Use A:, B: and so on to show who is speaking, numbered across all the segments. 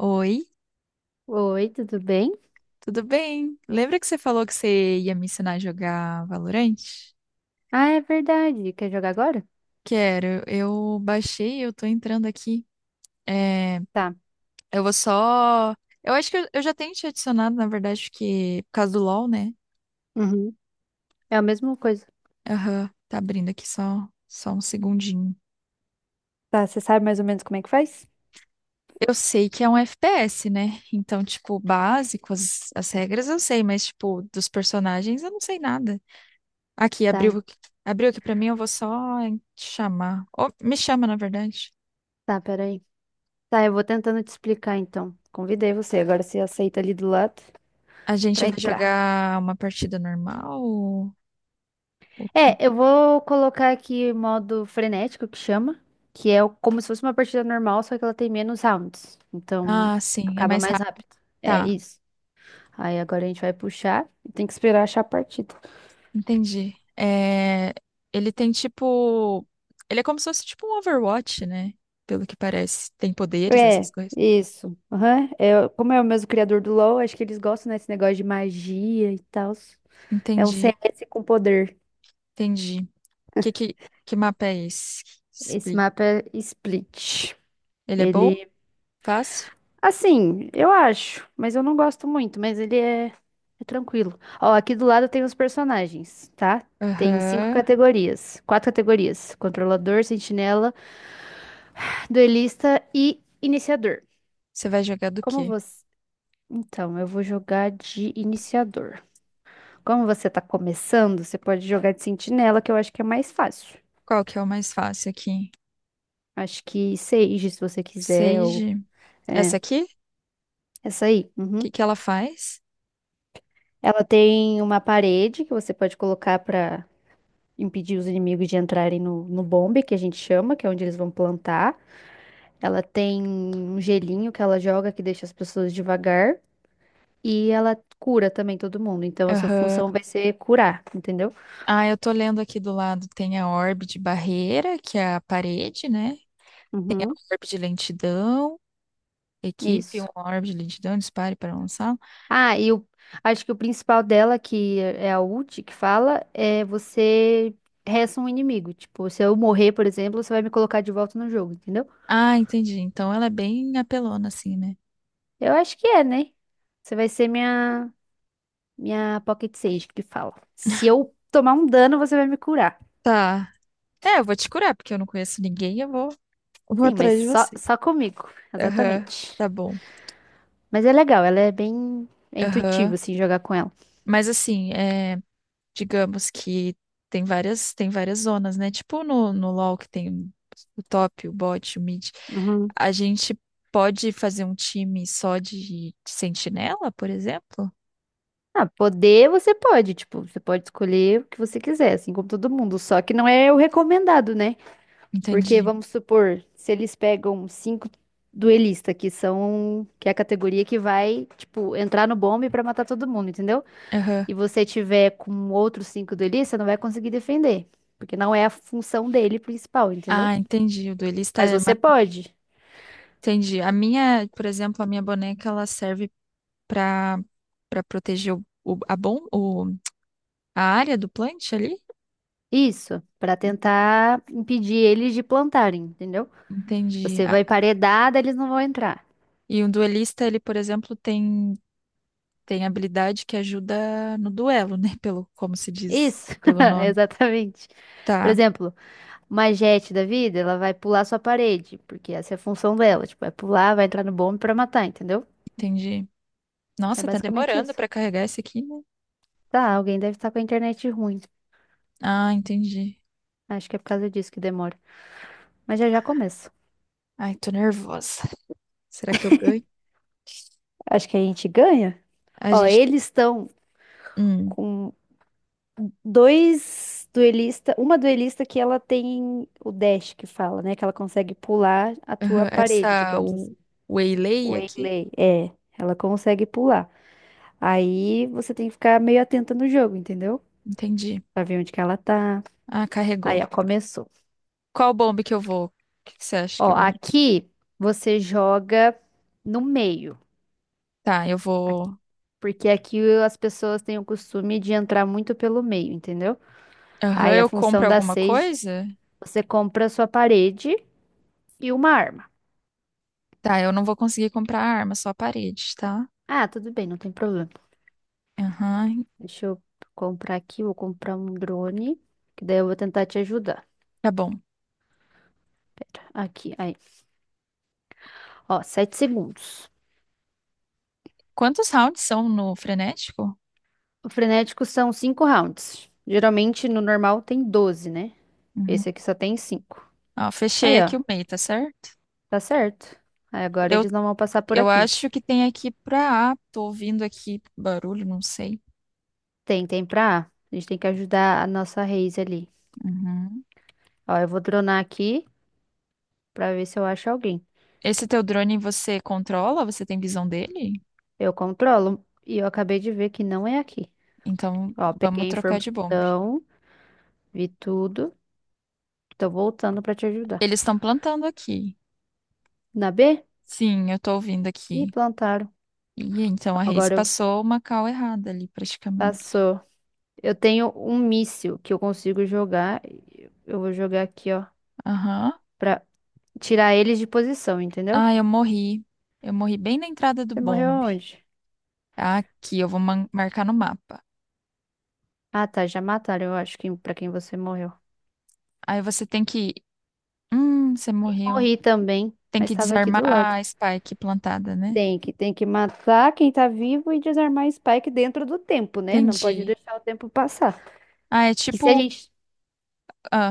A: Oi,
B: Oi, tudo bem?
A: tudo bem? Lembra que você falou que você ia me ensinar a jogar Valorant?
B: Ah, é verdade. Quer jogar agora?
A: Quero, eu baixei, eu tô entrando aqui. É,
B: Tá.
A: eu vou só. Eu acho que eu já tenho te adicionado, na verdade, porque por causa do LoL, né?
B: Uhum. É a mesma coisa.
A: Aham, tá abrindo aqui só, um segundinho.
B: Tá, você sabe mais ou menos como é que faz?
A: Eu sei que é um FPS, né? Então, tipo, básico, as regras eu sei, mas, tipo, dos personagens eu não sei nada. Aqui,
B: Tá, en-
A: abriu aqui pra mim, eu vou só chamar. Ou me chama, na verdade.
B: tá, peraí. Tá, eu vou tentando te explicar então. Convidei você, agora você aceita ali do lado
A: A gente
B: pra
A: vai
B: entrar.
A: jogar uma partida normal ou o quê?
B: É, eu vou colocar aqui o modo frenético que chama, que é como se fosse uma partida normal, só que ela tem menos rounds. Então,
A: Ah, sim, é
B: acaba
A: mais
B: mais
A: rápido.
B: rápido. É
A: Tá,
B: isso. Aí agora a gente vai puxar. Tem que esperar achar a partida.
A: entendi. É, ele tem tipo. Ele é como se fosse tipo um Overwatch, né? Pelo que parece. Tem poderes, essas
B: É,
A: coisas.
B: isso. Aham. É, como é o mesmo criador do LoL, acho que eles gostam, né, desse negócio de magia e tal. É um
A: Entendi,
B: CS com poder.
A: entendi. Que, que, que mapa é esse?
B: Esse
A: Split.
B: mapa é Split.
A: Ele é bom?
B: Ele,
A: Fácil?
B: assim, eu acho, mas eu não gosto muito, mas ele é, é tranquilo. Ó, aqui do lado tem os personagens, tá? Tem cinco
A: Aham.
B: categorias, quatro categorias: controlador, sentinela, duelista e iniciador.
A: Você vai jogar do
B: Como
A: quê?
B: você? Então, eu vou jogar de iniciador. Como você tá começando, você pode jogar de sentinela, que eu acho que é mais fácil.
A: Qual que é o mais fácil aqui?
B: Acho que Sage, se você quiser,
A: Sage?
B: ou... É,
A: Essa aqui? O
B: essa aí.
A: que
B: Uhum.
A: que ela faz?
B: Ela tem uma parede que você pode colocar pra impedir os inimigos de entrarem no, no bombe, que a gente chama, que é onde eles vão plantar. Ela tem um gelinho que ela joga que deixa as pessoas devagar. E ela cura também todo mundo. Então, a sua
A: Aham.
B: função vai ser curar, entendeu?
A: Ah, eu tô lendo aqui do lado, tem a orbe de barreira, que é a parede, né? Tem a
B: Uhum.
A: orbe de lentidão, equipe,
B: Isso.
A: uma orbe de lentidão, dispare para lançar.
B: Ah, acho que o principal dela, que é a ult, que fala, é você resta um inimigo. Tipo, se eu morrer, por exemplo, você vai me colocar de volta no jogo, entendeu?
A: Ah, entendi. Então ela é bem apelona, assim, né?
B: Eu acho que é, né? Você vai ser minha Pocket Sage, que fala. Se eu tomar um dano, você vai me curar.
A: Tá. É, eu vou te curar, porque eu não conheço ninguém, eu vou. Eu vou
B: Sim, mas
A: atrás de
B: só,
A: você.
B: só comigo,
A: Aham,
B: exatamente.
A: tá bom.
B: Mas é legal, ela é bem intuitivo,
A: Aham.
B: assim, jogar com ela.
A: Mas assim, é, digamos que tem várias zonas, né? Tipo no, no LoL que tem o top, o bot, o mid.
B: Uhum.
A: A gente pode fazer um time só de sentinela, por exemplo?
B: Ah, poder você pode, tipo, você pode escolher o que você quiser, assim como todo mundo, só que não é o recomendado, né? Porque
A: Entendi.
B: vamos supor, se eles pegam cinco duelistas, que é a categoria que vai, tipo, entrar no bombe pra matar todo mundo, entendeu?
A: Aham.
B: E você tiver com outros cinco duelistas, não vai conseguir defender, porque não é a função dele principal, entendeu?
A: Ah, entendi. O duelista
B: Mas
A: é
B: você
A: mais...
B: pode.
A: Entendi. A minha, por exemplo, a minha boneca, ela serve pra para proteger o- a, bom, o, a área do plant ali.
B: Isso, pra tentar impedir eles de plantarem, entendeu?
A: Entendi.
B: Você
A: Ah,
B: vai emparedada, eles não vão entrar.
A: e um duelista, ele, por exemplo, tem tem habilidade que ajuda no duelo, né? Pelo, como se diz,
B: Isso,
A: pelo nome.
B: exatamente. Por
A: Tá,
B: exemplo, uma Jett da vida, ela vai pular sua parede, porque essa é a função dela. Tipo, vai pular, vai entrar no bombe pra matar, entendeu?
A: entendi.
B: É
A: Nossa, tá
B: basicamente
A: demorando
B: isso.
A: pra carregar esse aqui, né?
B: Tá, alguém deve estar com a internet ruim.
A: Ah, entendi.
B: Acho que é por causa disso que demora. Mas já já começa.
A: Ai, tô nervosa. Será que eu ganho?
B: Acho que a gente ganha.
A: A
B: Ó,
A: gente.
B: eles estão
A: Hum,
B: com dois duelista, uma duelista que ela tem o dash que fala, né? Que ela consegue pular a tua
A: aham,
B: parede,
A: essa.
B: digamos
A: O
B: assim. O
A: Waylay aqui?
B: Waylay, é, ela consegue pular. Aí você tem que ficar meio atenta no jogo, entendeu?
A: Entendi.
B: Pra ver onde que ela tá.
A: Ah,
B: Aí,
A: carregou.
B: ó, começou.
A: Qual bomba que eu vou? O que que você acha que
B: Ó,
A: eu melhor?
B: aqui você joga no meio.
A: Tá, eu
B: Aqui-
A: vou.
B: Porque aqui as pessoas têm o costume de entrar muito pelo meio, entendeu?
A: Aham,
B: Aí a
A: eu
B: função
A: compro
B: da
A: alguma
B: Sage,
A: coisa?
B: você compra a sua parede e uma arma.
A: Tá, eu não vou conseguir comprar arma, só a parede, tá?
B: Ah, tudo bem, não tem problema.
A: Aham,
B: Deixa eu comprar aqui, vou comprar um drone, que daí eu vou tentar te ajudar.
A: tá bom.
B: Pera, aqui, aí. Ó, 7 segundos.
A: Quantos rounds são no frenético?
B: O frenético são 5 rounds. Geralmente no normal tem 12, né?
A: Uhum.
B: Esse aqui só tem cinco.
A: Ó, fechei
B: Aí,
A: aqui
B: ó,
A: o meio, tá certo?
B: tá certo. Aí agora
A: Eu,
B: eles não vão passar por
A: eu
B: aqui.
A: acho que tem aqui pra A. Tô ouvindo aqui barulho, não sei.
B: Tem pra A. A gente tem que ajudar a nossa Reis ali.
A: Uhum.
B: Ó, eu vou dronar aqui pra ver se eu acho alguém.
A: Esse teu drone você controla? Você tem visão dele?
B: Eu controlo e eu acabei de ver que não é aqui.
A: Então
B: Ó,
A: vamos
B: peguei a
A: trocar de bomba.
B: informação, vi tudo. Tô voltando pra te ajudar.
A: Eles estão plantando aqui.
B: Na B?
A: Sim, eu tô ouvindo
B: Ih,
A: aqui.
B: plantaram.
A: E então a Reis
B: Agora eu
A: passou uma cal errada ali, praticamente.
B: passou. Eu tenho um míssil que eu consigo jogar. Eu vou jogar aqui, ó,
A: Aham.
B: pra tirar eles de posição, entendeu?
A: Ah, eu morri. Eu morri bem na entrada do
B: Você morreu
A: bombe.
B: aonde?
A: Aqui, eu vou marcar no mapa.
B: Ah, tá, já mataram, eu acho que pra quem você morreu.
A: Aí você tem que. Você
B: E
A: morreu.
B: morri também,
A: Tem
B: mas
A: que
B: tava aqui
A: desarmar
B: do lado.
A: a spike plantada, né?
B: Tem que matar quem tá vivo e desarmar Spike dentro do tempo, né? Não pode
A: Entendi.
B: deixar o tempo passar.
A: Ah, é
B: Que se a
A: tipo.
B: gente.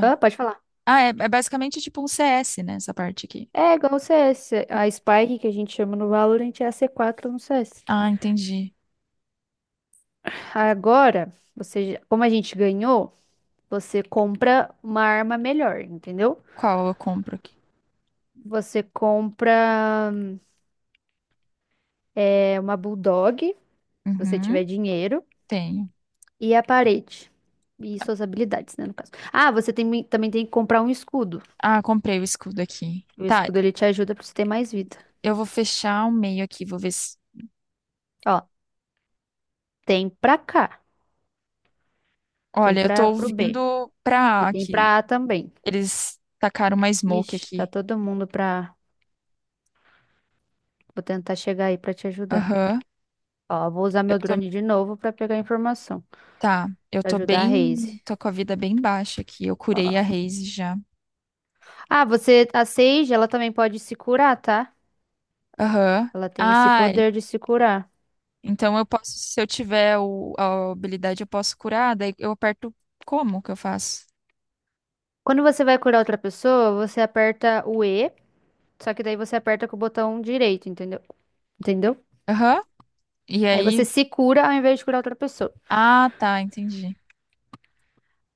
B: Ah, pode falar.
A: ah é, é basicamente tipo um CS, né? Essa parte aqui.
B: É igual o CS. A Spike que a gente chama no Valorant é a C4 no CS.
A: Ah, entendi.
B: Agora, você, já- como a gente ganhou, você compra uma arma melhor, entendeu?
A: Qual eu compro aqui?
B: Você compra é, uma Bulldog, se você tiver
A: Uhum,
B: dinheiro.
A: tenho.
B: E a parede. E suas habilidades, né, no caso. Ah, você tem- também tem que comprar um escudo.
A: Ah, comprei o escudo aqui.
B: O
A: Tá,
B: escudo ele te ajuda pra você ter mais vida.
A: eu vou fechar o meio aqui, vou ver se.
B: Ó, tem pra cá, tem
A: Olha, eu tô
B: pra pro B
A: ouvindo pra
B: e
A: A
B: tem
A: aqui.
B: pra A também.
A: Eles tacaram uma smoke
B: Ixi, tá
A: aqui.
B: todo mundo pra. Vou tentar chegar aí pra te ajudar.
A: Aham.
B: Ó, vou usar
A: Eu
B: meu
A: tô.
B: drone de novo pra pegar informação,
A: Tá, eu
B: pra
A: tô
B: ajudar a
A: bem.
B: Raze.
A: Tô com a vida bem baixa aqui. Eu curei a
B: Ó.
A: Raze já.
B: Ah, você a Sage, ela também pode se curar, tá?
A: Aham.
B: Ela tem esse
A: Ai,
B: poder de se curar.
A: então eu posso, se eu tiver o, a habilidade, eu posso curar, daí eu aperto como que eu faço?
B: Quando você vai curar outra pessoa, você aperta o E. Só que daí você aperta com o botão direito, entendeu? Entendeu?
A: Aham. E
B: Aí você
A: aí,
B: se cura ao invés de curar outra pessoa.
A: ah, tá, entendi.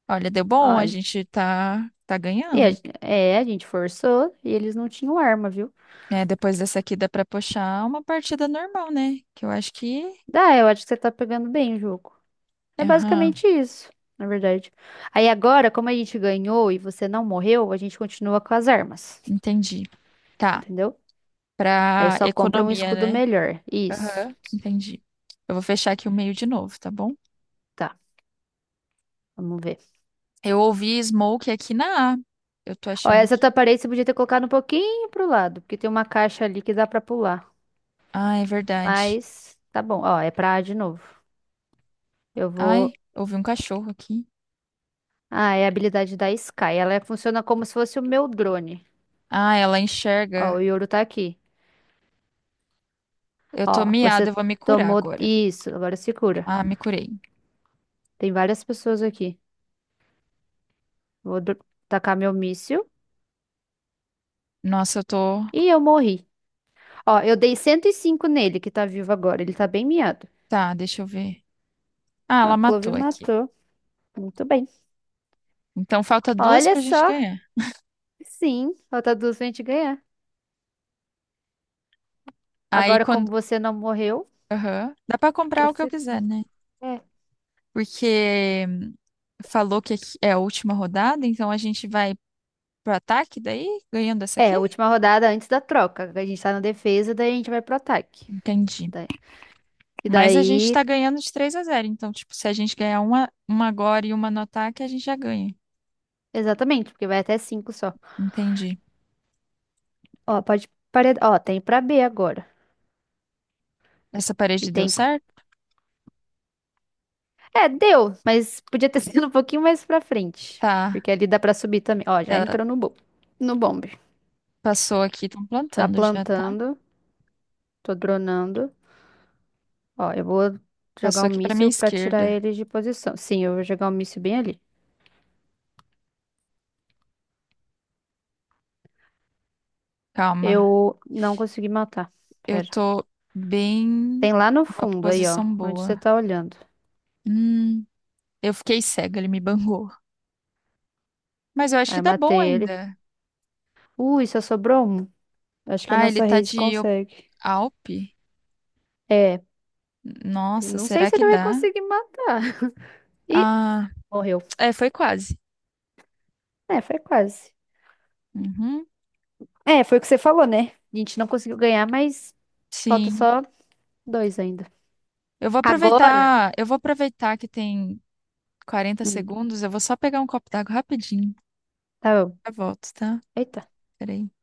A: Olha, deu
B: Ó,
A: bom, a gente tá ganhando.
B: a gente forçou e eles não tinham arma, viu?
A: É, depois dessa aqui dá pra puxar uma partida normal, né? Que eu acho que,
B: Dá, eu acho que você tá pegando bem o jogo. É
A: aham,
B: basicamente isso, na verdade. Aí agora, como a gente ganhou e você não morreu, a gente continua com as armas,
A: entendi. Tá,
B: entendeu? Aí
A: pra
B: só compra um
A: economia,
B: escudo
A: né?
B: melhor. Isso.
A: Aham, entendi. Eu vou fechar aqui o meio de novo, tá bom?
B: Tá, vamos ver.
A: Eu ouvi Smoke aqui na A. Eu tô
B: Ó,
A: achando
B: essa
A: que
B: tua parede você podia ter colocado um pouquinho pro lado, porque tem uma caixa ali que dá pra pular.
A: ah, é verdade.
B: Mas tá bom, ó, é pra A de novo. Eu
A: Ai,
B: vou.
A: ouvi um cachorro aqui.
B: Ah, é a habilidade da Sky. Funciona como se fosse o meu drone.
A: Ah, ela
B: Ó, o
A: enxerga.
B: Yoru tá aqui.
A: Eu tô
B: Ó,
A: miada,
B: você
A: eu vou me curar
B: tomou
A: agora.
B: isso. Agora se cura.
A: Ah, me curei.
B: Tem várias pessoas aqui. Vou dro- tacar meu míssil.
A: Nossa, eu tô.
B: E eu morri. Ó, eu dei 105 nele, que tá vivo agora. Ele tá bem miado.
A: Tá, deixa eu ver. Ah,
B: Ó, a
A: ela
B: Clove
A: matou aqui.
B: matou. Muito bem.
A: Então falta duas
B: Olha
A: pra gente
B: só.
A: ganhar.
B: Sim, falta duas pra gente ganhar.
A: Aí
B: Agora, como
A: quando.
B: você não morreu,
A: Aham. Dá pra comprar o que eu
B: você.
A: quiser, né?
B: É,
A: Porque falou que aqui é a última rodada, então a gente vai pro ataque daí, ganhando essa aqui?
B: é, última rodada antes da troca. A gente tá na defesa, daí a gente vai pro ataque.
A: Entendi.
B: E
A: Mas a gente tá
B: daí,
A: ganhando de 3 a zero. Então, tipo, se a gente ganhar uma agora e uma no ataque, a gente já ganha.
B: exatamente, porque vai até 5 só.
A: Entendi.
B: Ó, pode parar. Ó, tem pra B agora.
A: Essa
B: E
A: parede deu
B: tem.
A: certo?
B: É, deu, mas podia ter sido um pouquinho mais pra frente.
A: Tá.
B: Porque ali dá pra subir também. Ó, já
A: Ela
B: entrou no bom. No bombe.
A: passou aqui, estão
B: Tá
A: plantando já, tá?
B: plantando. Tô dronando. Ó, eu vou
A: Passou
B: jogar um
A: aqui para minha
B: míssil pra tirar
A: esquerda.
B: ele de posição. Sim, eu vou jogar um míssil bem ali.
A: Calma.
B: Eu não consegui matar.
A: Eu
B: Pera.
A: tô bem
B: Tem lá no
A: numa
B: fundo aí, ó.
A: posição
B: Onde
A: boa.
B: você tá olhando.
A: Hum, eu fiquei cega, ele me bangou. Mas eu acho
B: Aí
A: que
B: eu
A: dá bom
B: matei ele.
A: ainda.
B: Ui, só sobrou um. Acho que a
A: Ah, ele
B: nossa
A: tá
B: raise
A: de
B: consegue.
A: Alpe?
B: É, Eu
A: Nossa,
B: não sei
A: será
B: se
A: que
B: ele vai
A: dá?
B: conseguir matar. E
A: Ah,
B: morreu.
A: é, foi quase.
B: É, foi quase.
A: Uhum,
B: É, foi o que você falou, né? A gente não conseguiu ganhar, mas falta
A: sim.
B: só dois ainda. Agora.
A: Eu vou aproveitar que tem 40
B: Hum,
A: segundos, eu vou só pegar um copo d'água rapidinho.
B: tá bom.
A: Já volto, tá?
B: Eita.
A: Peraí.